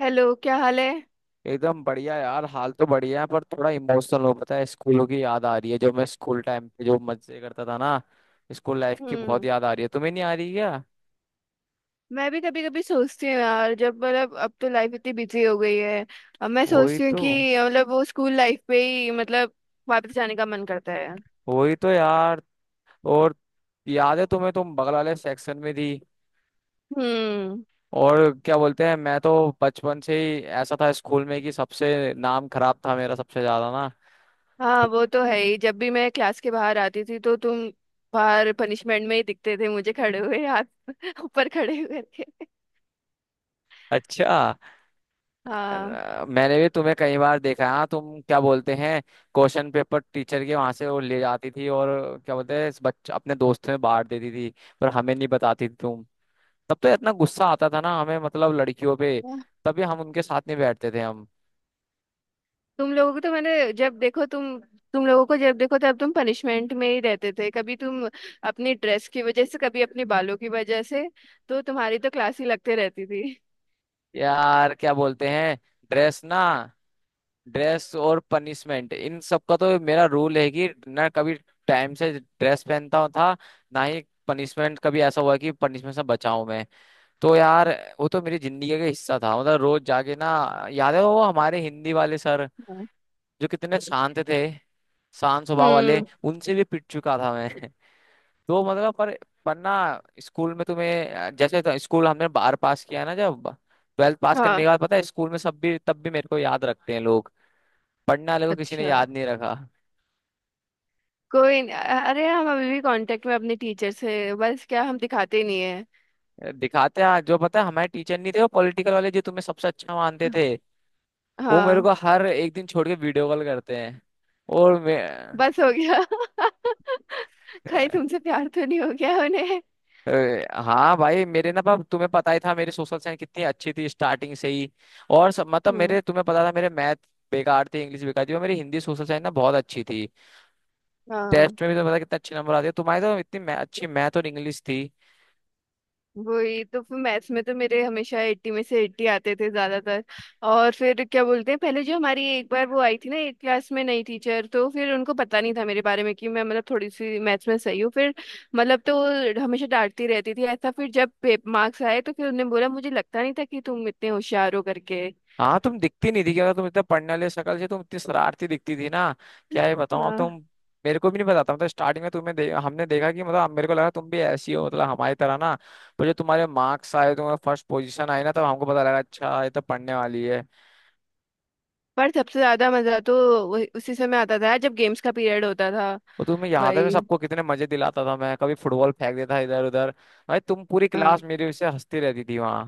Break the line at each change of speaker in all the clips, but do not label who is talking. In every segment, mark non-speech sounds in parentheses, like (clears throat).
Hello, क्या हाल है।
एकदम बढ़िया यार। हाल तो बढ़िया है पर थोड़ा इमोशनल हो। पता है, स्कूलों की याद आ रही है, जो मैं स्कूल टाइम पे जो मजे करता था ना। स्कूल लाइफ की बहुत
हम्म।
याद आ रही है। तुम्हें नहीं आ रही क्या?
मैं भी कभी कभी सोचती हूँ यार, जब मतलब अब तो लाइफ इतनी बिजी हो गई है। अब मैं
वही
सोचती हूँ
तो।
कि मतलब वो स्कूल लाइफ पे ही, मतलब वापस जाने का मन करता है।
वही तो यार। और याद है तुम्हें, तुम बगल वाले सेक्शन में थी।
हम्म।
और क्या बोलते हैं, मैं तो बचपन से ही ऐसा था स्कूल में कि सबसे नाम खराब था मेरा, सबसे ज्यादा ना।
हाँ, वो तो है ही। जब भी मैं क्लास के बाहर आती थी तो तुम बाहर पनिशमेंट में ही दिखते थे मुझे, खड़े हुए हाथ (laughs) ऊपर खड़े हुए करके।
अच्छा।
हाँ।
मैंने भी तुम्हें कई बार देखा है। हाँ, तुम क्या बोलते हैं, क्वेश्चन पेपर टीचर के वहां से वो ले जाती थी, और क्या बोलते हैं, इस बच्चे अपने दोस्तों में बांट देती थी। पर हमें नहीं बताती थी तुम। तब तो इतना गुस्सा आता था ना हमें, मतलब लड़कियों पे। तभी हम उनके साथ नहीं बैठते थे हम।
तुम लोगों को तो मैंने जब देखो तुम तुम लोगों को जब देखो तब तुम पनिशमेंट में ही रहते थे, कभी तुम अपनी ड्रेस की वजह से, कभी अपने बालों की वजह से। तो तुम्हारी तो क्लास ही लगते रहती थी।
यार, क्या बोलते हैं, ड्रेस ना। ड्रेस और पनिशमेंट, इन सब का तो मेरा रूल है कि ना कभी टाइम से ड्रेस पहनता था, ना ही पनिशमेंट। कभी ऐसा हुआ कि पनिशमेंट से बचाऊं मैं? तो यार, वो तो मेरी जिंदगी का हिस्सा था, मतलब रोज जाके ना। याद है वो हमारे हिंदी वाले सर,
हाँ।
जो कितने शांत थे, शांत स्वभाव वाले।
हम्म।
उनसे भी पिट चुका था मैं। (laughs) तो मतलब, पर ना, स्कूल में तुम्हें जैसे, तो स्कूल हमने बार पास किया ना, जब 12th पास करने
हाँ।
के बाद, पता है स्कूल में सब भी, तब भी मेरे को याद रखते हैं लोग। पढ़ने वाले को किसी ने
अच्छा।
याद नहीं रखा।
कोई न, अरे हम अभी भी कांटेक्ट में अपने टीचर से, बस क्या हम दिखाते नहीं है।
दिखाते हैं, जो पता है हमारे टीचर नहीं थे वो पॉलिटिकल वाले, जो तुम्हें सबसे अच्छा मानते थे। वो मेरे
हाँ।
को हर एक दिन छोड़ के वीडियो कॉल करते हैं। और मैं,
बस हो गया। (laughs) कहीं तुमसे प्यार तो नहीं हो गया उन्हें।
अ, हाँ भाई, मेरे ना पाप, तुम्हें पता ही था मेरी सोशल साइंस कितनी अच्छी थी स्टार्टिंग से ही। और सब, मतलब
हम्म।
मेरे, तुम्हें पता था मेरे मैथ बेकार थे, इंग्लिश बेकार थी, और मेरी हिंदी सोशल साइंस ना बहुत अच्छी थी।
हाँ,
टेस्ट में भी तो पता कितने अच्छे नंबर आते हैं। तुम्हारी तो इतनी अच्छी मैथ और इंग्लिश थी।
वही तो। फिर मैथ्स में तो मेरे हमेशा 80 में से 80 आते थे ज्यादातर। और फिर क्या बोलते हैं, पहले जो हमारी एक बार वो आई थी ना एक क्लास में नई टीचर, तो फिर उनको पता नहीं था मेरे बारे में कि मैं मतलब थोड़ी सी मैथ्स में सही हूँ। फिर मतलब तो वो हमेशा डांटती रहती थी ऐसा, फिर जब मार्क्स आए तो फिर उन्होंने बोला मुझे लगता नहीं था कि तुम इतने होशियार हो करके।
हाँ, तुम दिखती नहीं थी कि अगर तुम इतना पढ़ने वाले, शक्ल से तुम इतनी शरारती दिखती थी ना, क्या ये बताऊँ अब तुम।
हाँ।
मेरे को भी नहीं पता था, मतलब स्टार्टिंग में तुम्हें हमने देखा कि मतलब, अब मेरे को लगा तुम भी ऐसी हो, मतलब हमारी तरह ना। पर जो तुम्हारे मार्क्स आए, तुम्हारे फर्स्ट पोजीशन आई ना, तब हमको पता लगा, अच्छा, ये तो पढ़ने वाली है।
पर सबसे ज्यादा मजा तो उसी समय आता था जब गेम्स का पीरियड होता था।
वो तुम्हें याद है, मैं
भाई।
सबको कितने मजे दिलाता था। मैं कभी फुटबॉल फेंक देता इधर उधर। भाई, तुम, पूरी क्लास मेरे से हंसती रहती थी वहाँ।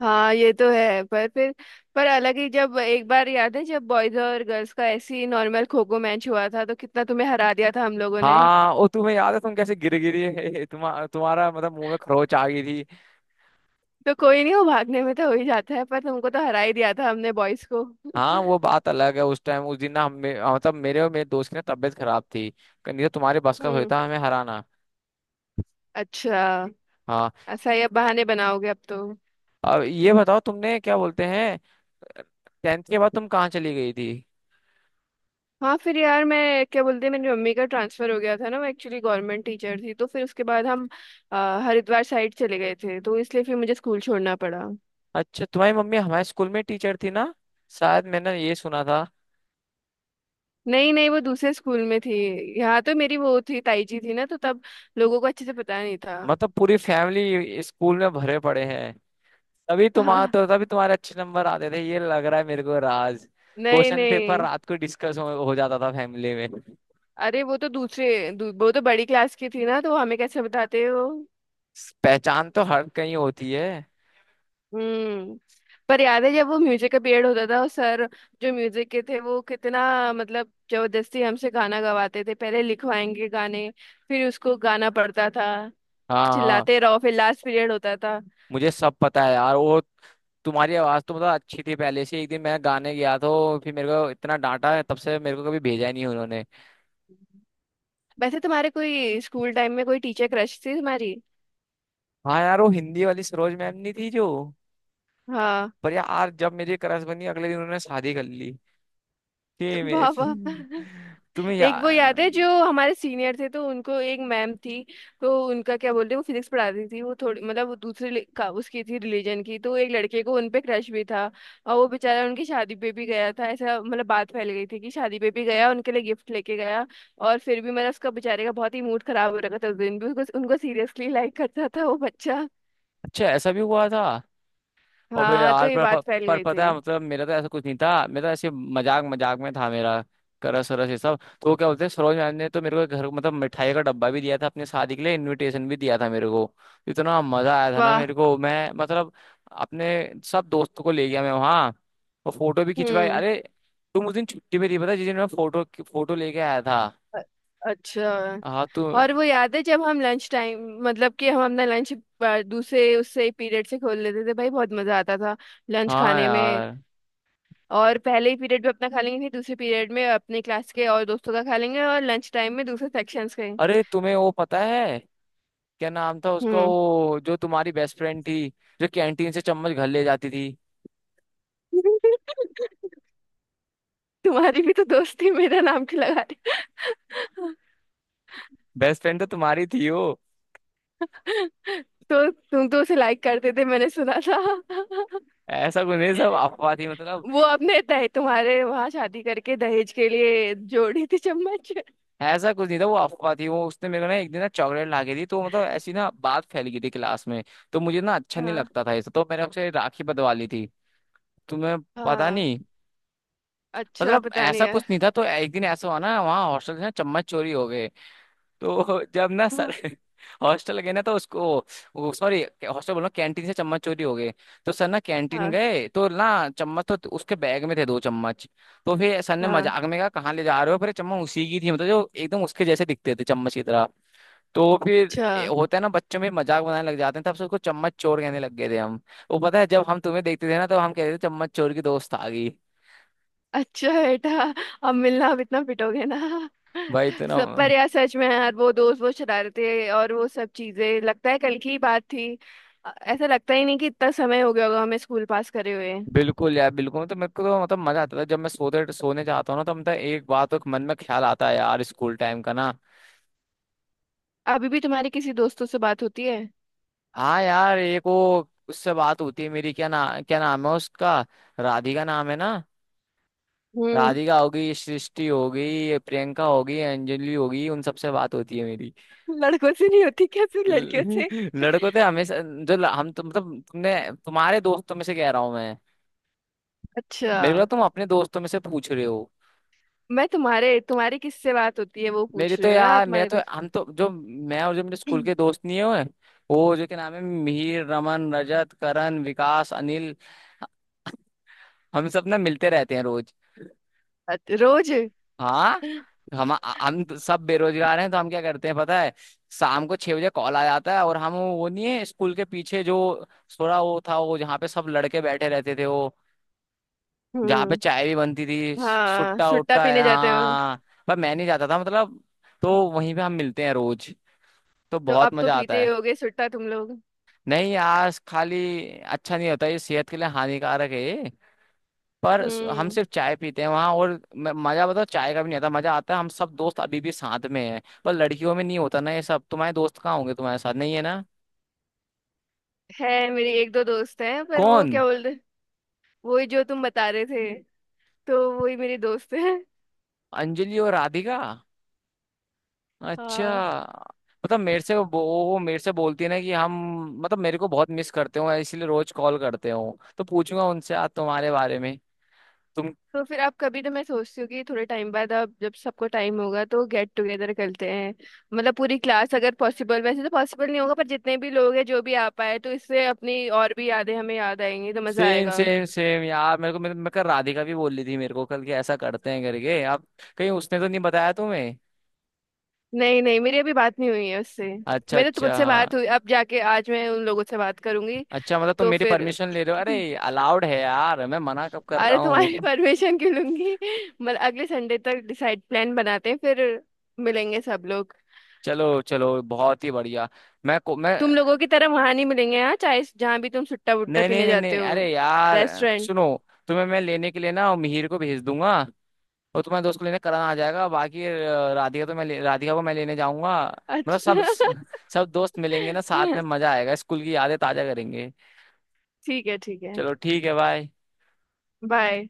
हाँ, ये तो है। पर अलग ही, जब एक बार याद है जब बॉयज और गर्ल्स का ऐसे ही नॉर्मल खो खो मैच हुआ था तो कितना तुम्हें हरा दिया था हम लोगों ने।
हाँ, वो तुम्हें याद है तुम कैसे गिर गिरी, तुम्हारा तुम्हारा मतलब मुंह में खरोच आ गई थी।
तो कोई नहीं, वो भागने में तो हो ही जाता है, पर तुमको तो हरा ही दिया था हमने बॉयज को।
हाँ,
(laughs)
वो बात अलग है। उस टाइम उस दिन ना हम, मतलब मेरे और मेरे दोस्त की ना तबीयत खराब थी। नहीं तो तुम्हारे बस का
हम्म।
होता हमें हराना?
अच्छा।
हाँ।
ऐसा ही अब बहाने बनाओगे अब तो।
अब ये बताओ तुमने, क्या बोलते हैं, 10th के बाद तुम कहाँ चली गई थी?
हाँ, फिर यार मैं क्या बोलते हैं, मेरी मम्मी का ट्रांसफर हो गया था ना, वो एक्चुअली गवर्नमेंट टीचर थी, तो फिर उसके बाद हम अ, हरिद्वार साइड चले गए थे, तो इसलिए फिर मुझे स्कूल छोड़ना पड़ा।
अच्छा, तुम्हारी मम्मी हमारे स्कूल में टीचर थी ना? शायद मैंने ये सुना था।
नहीं नहीं, वो दूसरे स्कूल में थी। यहाँ तो मेरी वो थी, ताई जी थी ना, तो तब लोगों को अच्छे से पता नहीं था।
मतलब पूरी फैमिली स्कूल में भरे पड़े हैं। तभी तुम्हारा
हाँ।
तो, तभी तुम्हारे अच्छे नंबर आते थे, ये लग रहा है मेरे को राज।
नहीं
क्वेश्चन पेपर
नहीं,
रात को डिस्कस हो जाता था फैमिली में।
अरे वो तो दूसरे वो तो बड़ी क्लास की थी ना, तो हमें कैसे बताते हो।
पहचान तो हर कहीं होती है।
हम्म। पर याद है जब वो म्यूजिक का पीरियड होता था, और सर जो म्यूजिक के थे वो कितना मतलब जबरदस्ती हमसे गाना गवाते थे, पहले लिखवाएंगे गाने, फिर उसको गाना पड़ता था,
हाँ, हाँ।
चिल्लाते रहो, फिर लास्ट पीरियड होता था।
मुझे सब पता है यार वो। तुम्हारी आवाज तो मतलब अच्छी थी पहले से। एक दिन मैं गाने गया तो फिर मेरे को इतना डांटा है, तब से मेरे को कभी भेजा ही नहीं उन्होंने।
वैसे तुम्हारे कोई स्कूल टाइम में कोई टीचर क्रश थी तुम्हारी?
हाँ यार, वो हिंदी वाली सरोज मैम नहीं थी जो,
हाँ।
पर यार, जब मेरी क्रश बनी, अगले दिन उन्होंने शादी कर ली।
वाह वाह।
फिर तुम्हें
एक वो याद है जो
यार।
हमारे सीनियर थे, तो उनको एक मैम थी, तो उनका क्या बोलते हैं, वो फिजिक्स पढ़ाती थी, वो थोड़ी मतलब वो दूसरे का उसकी थी रिलीजन की, तो एक लड़के को उनपे क्रश भी था, और वो बेचारा उनकी शादी पे भी गया था ऐसा, मतलब बात फैल गई थी कि शादी पे भी गया, उनके लिए गिफ्ट लेके गया। और फिर भी मतलब उसका बेचारे का बहुत ही मूड खराब हो रखा था उस दिन भी, उसको उनको सीरियसली लाइक करता था वो बच्चा।
अच्छा, ऐसा भी हुआ था। अबे
हाँ, तो
यार,
ये
पर, पर,
बात फैल
पर
गई
पता
थी।
है, मतलब मेरा तो ऐसा कुछ नहीं था, मेरा तो ऐसे मजाक मजाक में था मेरा। करस वरस ये सब तो, वो क्या बोलते हैं, सरोज मैम ने तो मेरे को एक घर, मतलब मिठाई का डब्बा भी दिया था, अपने शादी के लिए इनविटेशन भी दिया था मेरे को। इतना मजा आया था ना
वाह।
मेरे को, मैं मतलब अपने सब दोस्तों को ले गया मैं वहाँ, और फोटो भी खिंचवाई।
हम्म।
अरे, तुम उस दिन छुट्टी में थी, पता है, जिस दिन मैं फोटो फोटो लेके आया था।
अ- अच्छा।
हाँ तू।
और वो याद है जब हम लंच टाइम मतलब कि हम अपना लंच दूसरे उससे पीरियड से खोल लेते थे, भाई बहुत मजा आता था लंच
हाँ
खाने में।
यार।
और पहले ही पीरियड में अपना खा लेंगे, फिर दूसरे पीरियड में अपने क्लास के और दोस्तों का खा लेंगे, और लंच टाइम में दूसरे सेक्शंस के।
अरे, तुम्हें वो पता है क्या नाम था उसका,
हम्म।
वो जो तुम्हारी बेस्ट फ्रेंड थी, जो कैंटीन से चम्मच घर ले जाती थी?
(laughs) तुम्हारी भी तो दोस्ती, मेरा नाम क्यों लगा रही।
बेस्ट फ्रेंड तो तुम्हारी थी वो।
(laughs) तो तुम तो उसे लाइक करते थे मैंने सुना था। (laughs)
ऐसा कुछ नहीं, सब अफवाह थी मतलब।
वो अपने दहे तुम्हारे वहां शादी करके दहेज के लिए जोड़ी थी चम्मच।
ऐसा कुछ नहीं था, वो अफवाह थी। वो उसने मेरे को ना एक दिन ना चॉकलेट ला के दी, तो मतलब ऐसी ना बात फैल गई थी क्लास में। तो मुझे ना अच्छा नहीं
हाँ
लगता था ये सब, तो मैंने उससे राखी बंधवा ली थी। तुम्हें पता
हाँ।
नहीं,
अच्छा,
मतलब
पता नहीं
ऐसा
यार।
कुछ नहीं था। तो एक दिन ऐसा हुआ ना, वहाँ हॉस्टल से ना चम्मच चोरी हो गए। तो जब ना
हाँ
सर (laughs) हॉस्टल गए ना तो उसको, सॉरी, हॉस्टल बोल रहा हूँ, कैंटीन से चम्मच चोरी हो गए। तो सर ना कैंटीन
हाँ
गए तो ना, चम्मच तो उसके बैग में थे, दो चम्मच। तो फिर सर ने
हाँ,
मजाक में कहा, कहाँ ले जा रहे हो? फिर चम्मच उसी की थी, मतलब जो एकदम उसके जैसे दिखते थे, चम्मच की तरह। तो फिर
अच्छा।
होता है ना बच्चों में मजाक बनाने लग जाते हैं, तब से उसको चम्मच चोर कहने लग गए थे हम। वो पता है, जब हम तुम्हें देखते थे ना तो हम कहते थे, चम्मच चोर की दोस्त आ गई।
अच्छा बेटा, अब मिलना, अब इतना पिटोगे ना।
भाई इतना।
सब, पर यार सच में यार वो दोस्त, वो शरारतें और वो सब चीजें, लगता है कल की ही बात थी। ऐसा लगता ही नहीं कि इतना समय हो गया होगा हमें स्कूल पास करे हुए।
बिल्कुल यार, बिल्कुल। तो मेरे को तो मतलब मजा आता था, जब मैं सोते सोने जाता हूँ ना, तो मतलब एक बात तो मन में ख्याल आता है यार, स्कूल टाइम का ना।
अभी भी तुम्हारी किसी दोस्तों से बात होती है?
हाँ यार, एक वो उससे बात होती है मेरी, क्या ना, क्या नाम है उसका, राधिका नाम है ना।
हम्म।
राधिका होगी, सृष्टि होगी, प्रियंका होगी, अंजलि होगी, उन सबसे बात होती है मेरी।
लड़कों से नहीं होती क्या,
(laughs)
सिर्फ लड़कियों से?
लड़कों तो हमेशा, जो हम तुम मतलब तुमने, तुम्हारे दोस्तों में से कह रहा हूँ मैं।
अच्छा।
मेरे को लगा तुम अपने दोस्तों में से पूछ रहे।
मैं तुम्हारे तुम्हारी किससे बात होती है वो
मेरी
पूछ
तो
रही हूँ ना,
यार, मैं
तुम्हारे
तो
दोस्त।
हम तो, जो मैं और जो मेरे स्कूल के
(clears throat)
दोस्त नहीं हुए, वो जो के नाम है मिहिर, रमन, रजत, करण, विकास, अनिल, हम सब ना मिलते रहते हैं रोज।
रोज।
हाँ। हम हम तो सब बेरोजगार हैं, तो हम क्या करते हैं पता है, शाम को 6 बजे कॉल आ जाता है, और हम, वो नहीं है स्कूल के पीछे जो थोड़ा वो था, वो जहाँ पे सब लड़के बैठे रहते थे वो, जहाँ पे
हम्म।
चाय भी बनती थी,
हाँ,
सुट्टा
सुट्टा
उट्टा।
पीने जाते हो।
हाँ। पर मैं नहीं जाता था मतलब। तो वहीं पे हम मिलते हैं रोज, तो
तो
बहुत
अब तो
मजा
पीते
आता
ही
है।
होगे सुट्टा तुम लोग।
नहीं यार, खाली। अच्छा नहीं होता ये, सेहत के लिए हानिकारक है ये। पर हम
हम्म।
सिर्फ चाय पीते हैं वहाँ, और मजा बताओ, चाय का भी नहीं आता मजा। आता है हम सब दोस्त अभी भी साथ में हैं, पर लड़कियों में नहीं होता ना ये सब। तुम्हारे दोस्त कहाँ होंगे, तुम्हारे साथ नहीं है ना?
है, मेरी एक दो दोस्त हैं, पर वो
कौन?
क्या बोलते। वही जो तुम बता रहे थे, तो वही मेरी दोस्त है।
अंजलि और राधिका? अच्छा,
हाँ।
मतलब मेरे से वो मेरे से बोलती है ना कि हम, मतलब मेरे को बहुत मिस करते हो इसलिए रोज कॉल करते हो। तो पूछूंगा उनसे आज तुम्हारे बारे में तुम।
तो फिर आप कभी, तो मैं सोचती हूँ कि थोड़े टाइम बाद अब जब सबको टाइम होगा तो गेट टुगेदर करते हैं। मतलब पूरी क्लास, अगर पॉसिबल, वैसे तो पॉसिबल नहीं होगा, पर जितने भी लोग हैं जो भी आ पाए, तो इससे अपनी और भी यादें हमें याद आएंगी, तो मजा
सेम
आएगा।
सेम सेम यार, मेरे को मेरे कल राधिका भी बोल रही थी मेरे को कल कि ऐसा करते हैं, करके आप। कहीं उसने तो नहीं बताया तुम्हें?
नहीं नहीं, मेरी अभी बात नहीं हुई है उससे।
अच्छा,
मेरे तो
अच्छा।
मुझसे बात हुई, अब जाके आज मैं उन लोगों से बात करूंगी।
अच्छा, मतलब तुम
तो
मेरी
फिर
परमिशन ले रहे हो?
(clears throat)
अरे अलाउड है यार, मैं मना कब कर रहा
अरे, तुम्हारी (laughs)
हूँ।
परमिशन क्यों लूंगी। मतलब अगले संडे तक डिसाइड, प्लान बनाते हैं, फिर मिलेंगे सब लोग।
चलो चलो बहुत ही बढ़िया। मैं
तुम लोगों की तरह वहां नहीं मिलेंगे हाँ, चाहे जहाँ भी तुम सुट्टा वुट्टा
नहीं, नहीं,
पीने
नहीं,
जाते
नहीं,
हो।
अरे यार,
रेस्टोरेंट।
सुनो। तुम्हें मैं लेने के लिए ना मिहिर को भेज दूंगा, और तुम्हारे दोस्त को लेने करण आ जाएगा। बाकी राधिका को मैं लेने जाऊंगा। मतलब सब
अच्छा।
सब दोस्त मिलेंगे ना साथ में,
(laughs)
मजा आएगा, स्कूल की यादें ताजा करेंगे।
ठीक है, ठीक है।
चलो ठीक है, बाय।
बाय।